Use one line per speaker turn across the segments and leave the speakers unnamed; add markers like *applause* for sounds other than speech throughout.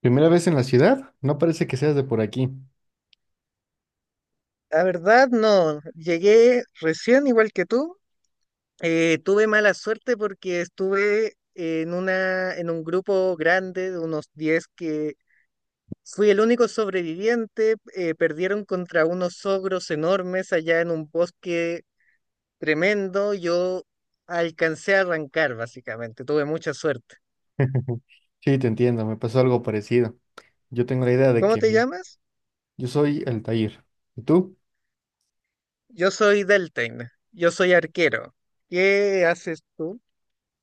¿Primera vez en la ciudad? No parece que seas de por aquí.
La verdad, no. Llegué recién, igual que tú. Tuve mala suerte porque estuve en en un grupo grande de unos 10 que fui el único sobreviviente. Perdieron contra unos ogros enormes allá en un bosque tremendo. Yo alcancé a arrancar, básicamente. Tuve mucha suerte.
*laughs* Sí, te entiendo, me pasó algo parecido. Yo tengo la idea de
¿Cómo
que
te
mi-
llamas?
yo soy Altair. ¿Y tú?
Yo soy Deltain. Yo soy arquero. ¿Qué haces tú?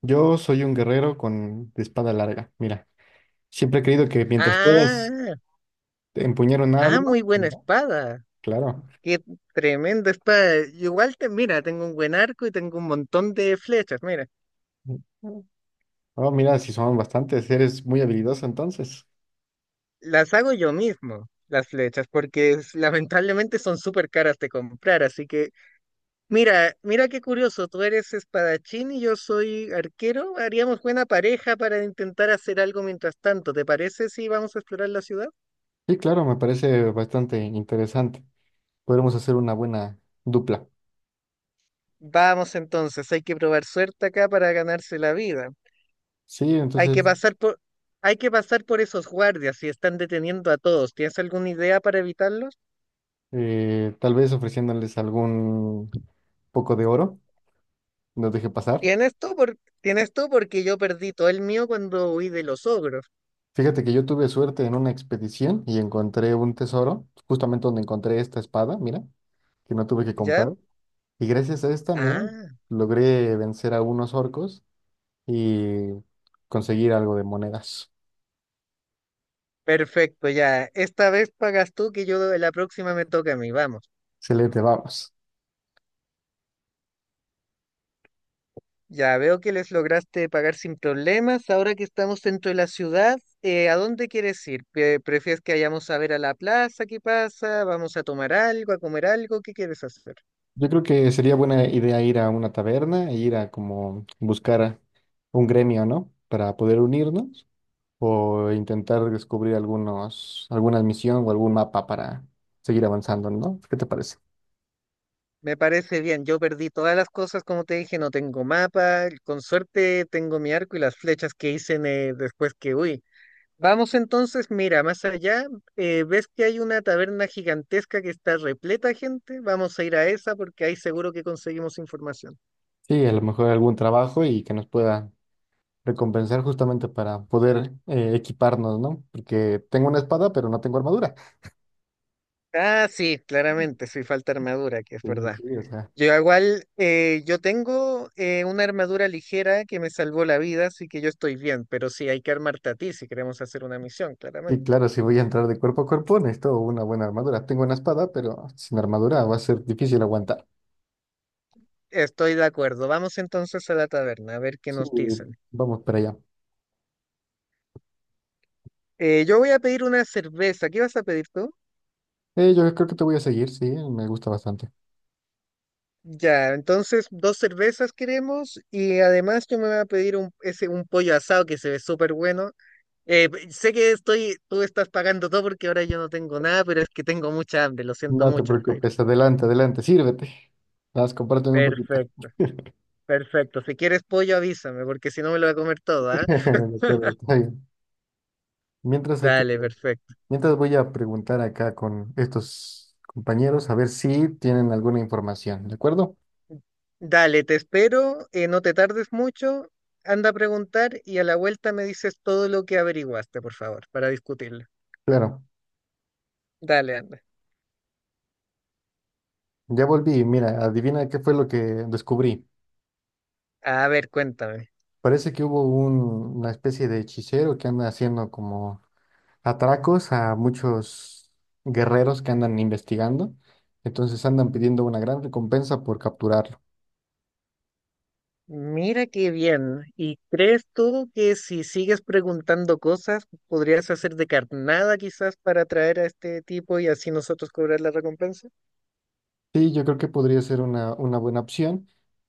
Yo soy un guerrero con de espada larga. Mira, siempre he creído que mientras puedas
Ah,
empuñar un
ah,
arma,
muy buena
mira,
espada.
claro.
Qué tremendo espada. Igual mira, tengo un buen arco y tengo un montón de flechas. Mira,
Oh, mira, si son bastantes, eres muy habilidoso entonces.
las hago yo mismo, las flechas, porque lamentablemente son súper caras de comprar. Así que, mira, qué curioso. Tú eres espadachín y yo soy arquero. Haríamos buena pareja para intentar hacer algo mientras tanto. ¿Te parece si vamos a explorar la ciudad?
Sí, claro, me parece bastante interesante. Podremos hacer una buena dupla.
Vamos entonces, hay que probar suerte acá para ganarse la vida.
Sí,
Hay que
entonces,
pasar por, Hay que pasar por esos guardias si están deteniendo a todos. ¿Tienes alguna idea para evitarlos?
tal vez ofreciéndoles algún poco de oro, los dejé pasar.
Tienes tú porque yo perdí todo el mío cuando huí de los ogros,
Fíjate que yo tuve suerte en una expedición y encontré un tesoro, justamente donde encontré esta espada, mira, que no tuve que
¿ya?
comprar. Y gracias a esta, mira,
Ah,
logré vencer a unos orcos y conseguir algo de monedas.
perfecto, ya. Esta vez pagas tú que yo la próxima me toca a mí, vamos.
Excelente, vamos.
Ya veo que les lograste pagar sin problemas. Ahora que estamos dentro de la ciudad, ¿a dónde quieres ir? ¿Prefieres que vayamos a ver a la plaza? ¿Qué pasa? ¿Vamos a tomar algo, a comer algo? ¿Qué quieres hacer?
Yo creo que sería buena idea ir a una taberna e ir a como buscar a un gremio, ¿no? Para poder unirnos o intentar descubrir algunos, alguna misión o algún mapa para seguir avanzando, ¿no? ¿Qué te parece?
Me parece bien, yo perdí todas las cosas, como te dije, no tengo mapa, con suerte tengo mi arco y las flechas que hice después que huí. Vamos entonces, mira, más allá, ves que hay una taberna gigantesca que está repleta de gente, vamos a ir a esa porque ahí seguro que conseguimos información.
Sí, a lo mejor algún trabajo y que nos pueda recompensar justamente para poder equiparnos, ¿no? Porque tengo una espada, pero no tengo armadura.
Ah, sí, claramente, sí falta armadura, que es
Sí, sí,
verdad.
sí, o sea,
Yo igual, yo tengo una armadura ligera que me salvó la vida, así que yo estoy bien, pero sí hay que armarte a ti si queremos hacer una misión,
sí,
claramente.
claro, si voy a entrar de cuerpo a cuerpo, necesito una buena armadura. Tengo una espada, pero sin armadura va a ser difícil aguantar.
Estoy de acuerdo. Vamos entonces a la taberna a ver qué
Sí,
nos dicen.
vamos para allá.
Yo voy a pedir una cerveza. ¿Qué vas a pedir tú?
Yo creo que te voy a seguir, sí, me gusta bastante.
Ya, entonces dos cervezas queremos y además yo me voy a pedir un, ese, un pollo asado que se ve súper bueno. Sé que estoy, tú estás pagando todo porque ahora yo no tengo nada, pero es que tengo mucha hambre, lo siento
No te
mucho, Altair.
preocupes, adelante, adelante, sírvete. Vas, compárteme un poquito.
Perfecto,
*laughs*
perfecto. Si quieres pollo avísame porque si no me lo voy a comer todo, ¿ah?
De acuerdo, está bien. Mientras aquí-
Dale, perfecto.
Mientras voy a preguntar acá con estos compañeros a ver si tienen alguna información, ¿de acuerdo?
Dale, te espero, no te tardes mucho, anda a preguntar y a la vuelta me dices todo lo que averiguaste, por favor, para discutirlo.
Claro,
Dale, anda.
ya volví. Mira, adivina qué fue lo que descubrí.
A ver, cuéntame.
Parece que hubo una especie de hechicero que anda haciendo como atracos a muchos guerreros que andan investigando. Entonces andan pidiendo una gran recompensa por capturarlo.
Mira qué bien. ¿Y crees tú que si sigues preguntando cosas, podrías hacer de carnada quizás para atraer a este tipo y así nosotros cobrar la recompensa?
Sí, yo creo que podría ser una buena opción,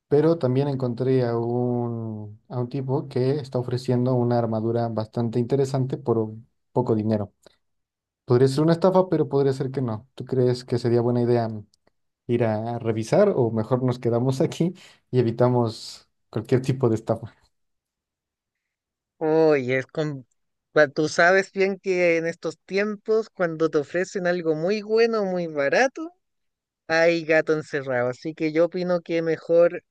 pero también encontré a a un tipo que está ofreciendo una armadura bastante interesante por un poco dinero. Podría ser una estafa, pero podría ser que no. ¿Tú crees que sería buena idea ir a revisar o mejor nos quedamos aquí y evitamos cualquier tipo de estafa?
Oye, es con... Tú sabes bien que en estos tiempos, cuando te ofrecen algo muy bueno, muy barato, hay gato encerrado, así que yo opino que mejor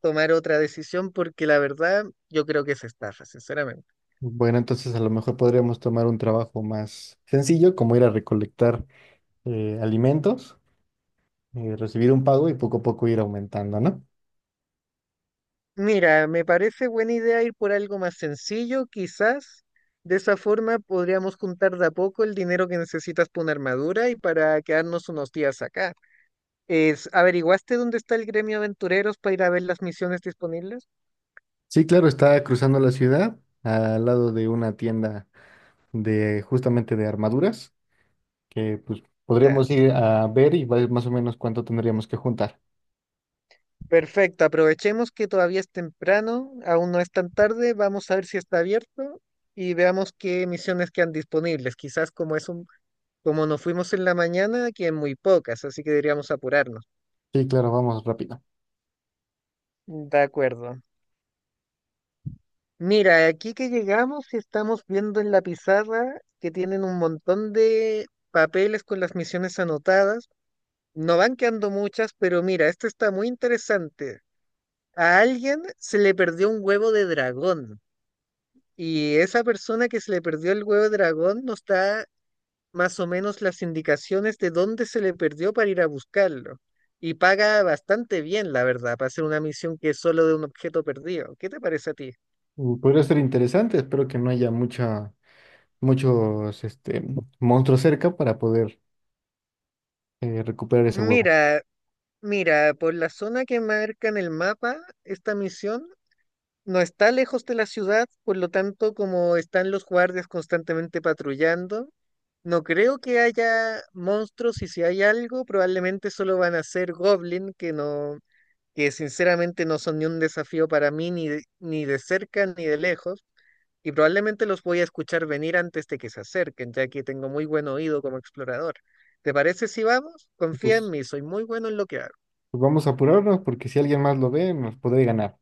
tomar otra decisión porque la verdad yo creo que es estafa, sinceramente.
Bueno, entonces a lo mejor podríamos tomar un trabajo más sencillo, como ir a recolectar alimentos, recibir un pago y poco a poco ir aumentando, ¿no?
Mira, me parece buena idea ir por algo más sencillo, quizás. De esa forma podríamos juntar de a poco el dinero que necesitas para una armadura y para quedarnos unos días acá. Es, ¿averiguaste dónde está el gremio Aventureros para ir a ver las misiones disponibles?
Sí, claro, está cruzando la ciudad al lado de una tienda de justamente de armaduras que pues
Ya.
podríamos ir a ver y ver más o menos cuánto tendríamos que juntar.
Perfecto, aprovechemos que todavía es temprano, aún no es tan tarde, vamos a ver si está abierto y veamos qué misiones quedan disponibles. Quizás como es un, como nos fuimos en la mañana, quedan muy pocas, así que deberíamos apurarnos.
Sí, claro, vamos rápido.
De acuerdo. Mira, aquí que llegamos estamos viendo en la pizarra que tienen un montón de papeles con las misiones anotadas. No van quedando muchas, pero mira, esto está muy interesante. A alguien se le perdió un huevo de dragón. Y esa persona que se le perdió el huevo de dragón nos da más o menos las indicaciones de dónde se le perdió para ir a buscarlo. Y paga bastante bien, la verdad, para hacer una misión que es solo de un objeto perdido. ¿Qué te parece a ti?
Mm, podría ser interesante, espero que no haya muchos este, monstruos cerca para poder recuperar ese huevo.
Mira, por la zona que marca en el mapa, esta misión no está lejos de la ciudad, por lo tanto, como están los guardias constantemente patrullando, no creo que haya monstruos y si hay algo, probablemente solo van a ser goblin que no, que sinceramente no son ni un desafío para mí, ni de, ni de cerca ni de lejos, y probablemente los voy a escuchar venir antes de que se acerquen, ya que tengo muy buen oído como explorador. ¿Te parece si vamos?
Y,
Confía en
pues,
mí, soy muy bueno en lo que hago.
pues vamos a apurarnos porque si alguien más lo ve nos puede ganar.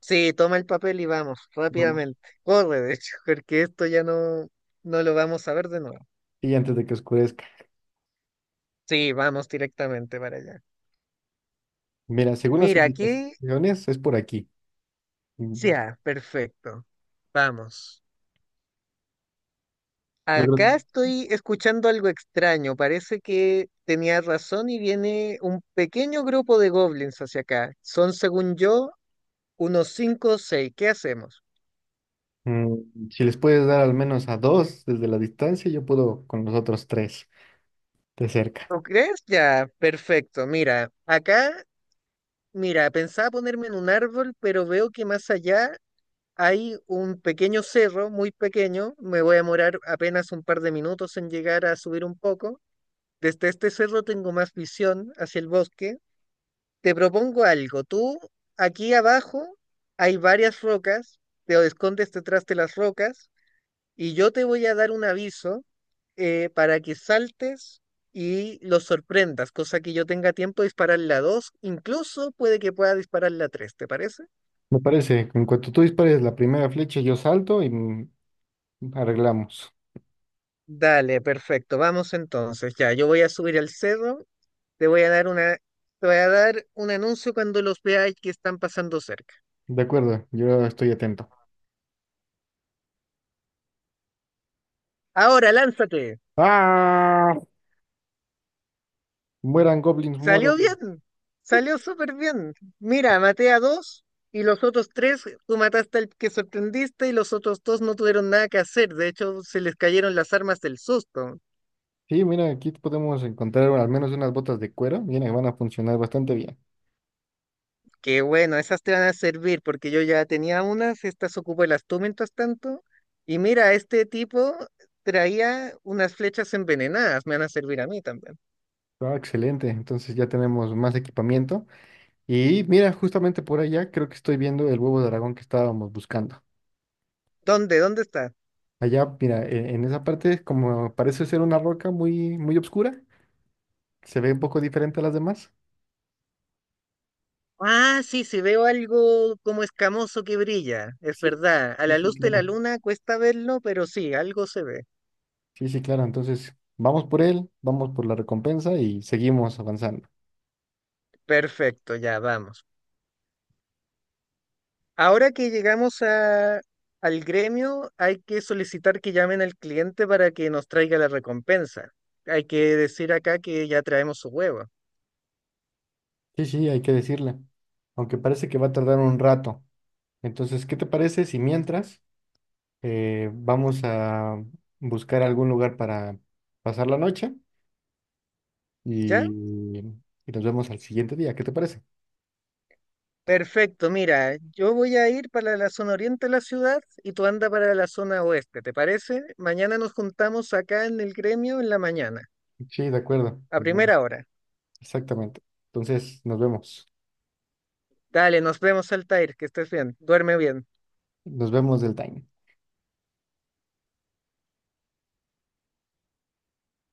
Sí, toma el papel y vamos,
Vamos.
rápidamente. Corre, de hecho, *laughs* porque esto ya no, no lo vamos a ver de nuevo.
Y antes de que oscurezca.
Sí, vamos directamente para allá.
Mira, según las
Mira, aquí,
indicaciones es por aquí. Mm,
ya, perfecto. Vamos.
Logro
Acá estoy escuchando algo extraño. Parece que tenía razón y viene un pequeño grupo de goblins hacia acá. Son, según yo, unos cinco o seis. ¿Qué hacemos?
Mm, si les puedes dar al menos a dos desde la distancia, yo puedo con los otros tres de cerca.
¿Lo crees? Ya, perfecto. Mira, acá, mira, pensaba ponerme en un árbol, pero veo que más allá hay un pequeño cerro, muy pequeño. Me voy a demorar apenas un par de minutos en llegar a subir un poco. Desde este cerro tengo más visión hacia el bosque. Te propongo algo. Tú, aquí abajo, hay varias rocas, te escondes detrás de las rocas y yo te voy a dar un aviso para que saltes y los sorprendas, cosa que yo tenga tiempo de disparar la 2. Incluso puede que pueda disparar la 3. ¿Te parece?
Me parece, en cuanto tú dispares la primera flecha, yo salto y arreglamos.
Dale, perfecto, vamos entonces. Ya, yo voy a subir al cerro, te voy a dar una, te voy a dar un anuncio cuando los veáis que están pasando cerca.
De acuerdo, yo estoy atento.
Ahora, lánzate.
¡Ah! Mueran goblins,
Salió
mueran.
bien, salió súper bien. Mira, maté a dos y los otros tres, tú mataste al que sorprendiste y los otros dos no tuvieron nada que hacer. De hecho, se les cayeron las armas del susto.
Sí, mira, aquí podemos encontrar al menos unas botas de cuero. Viene, van a funcionar bastante bien.
Que bueno, esas te van a servir porque yo ya tenía unas, estas ocupé las tú mientras tanto. Y mira, este tipo traía unas flechas envenenadas, me van a servir a mí también.
Ah, excelente, entonces ya tenemos más equipamiento. Y mira, justamente por allá creo que estoy viendo el huevo de dragón que estábamos buscando.
¿Dónde? ¿Dónde está?
Allá, mira, en esa parte, como parece ser una roca muy, muy obscura se ve un poco diferente a las demás.
Ah, sí, sí, veo algo como escamoso que brilla, es
Sí,
verdad. A
sí,
la
sí,
luz de la
claro.
luna cuesta verlo, pero sí, algo se ve.
Sí, sí, claro. Entonces, vamos por él, vamos por la recompensa y seguimos avanzando.
Perfecto, ya vamos. Ahora que llegamos al gremio, hay que solicitar que llamen al cliente para que nos traiga la recompensa. Hay que decir acá que ya traemos su huevo.
Sí, sí, hay que decirle. Aunque parece que va a tardar un rato. Entonces, ¿qué te parece si mientras vamos a buscar algún lugar para pasar la noche
¿Ya?
y, y nos vemos al siguiente día? ¿Qué te parece?
Perfecto, mira, yo voy a ir para la zona oriente de la ciudad y tú anda para la zona oeste, ¿te parece? Mañana nos juntamos acá en el gremio en la mañana,
Sí, de acuerdo.
a primera hora.
Exactamente. Entonces, nos vemos.
Dale, nos vemos, Altair, que estés bien, duerme bien.
Nos vemos del time.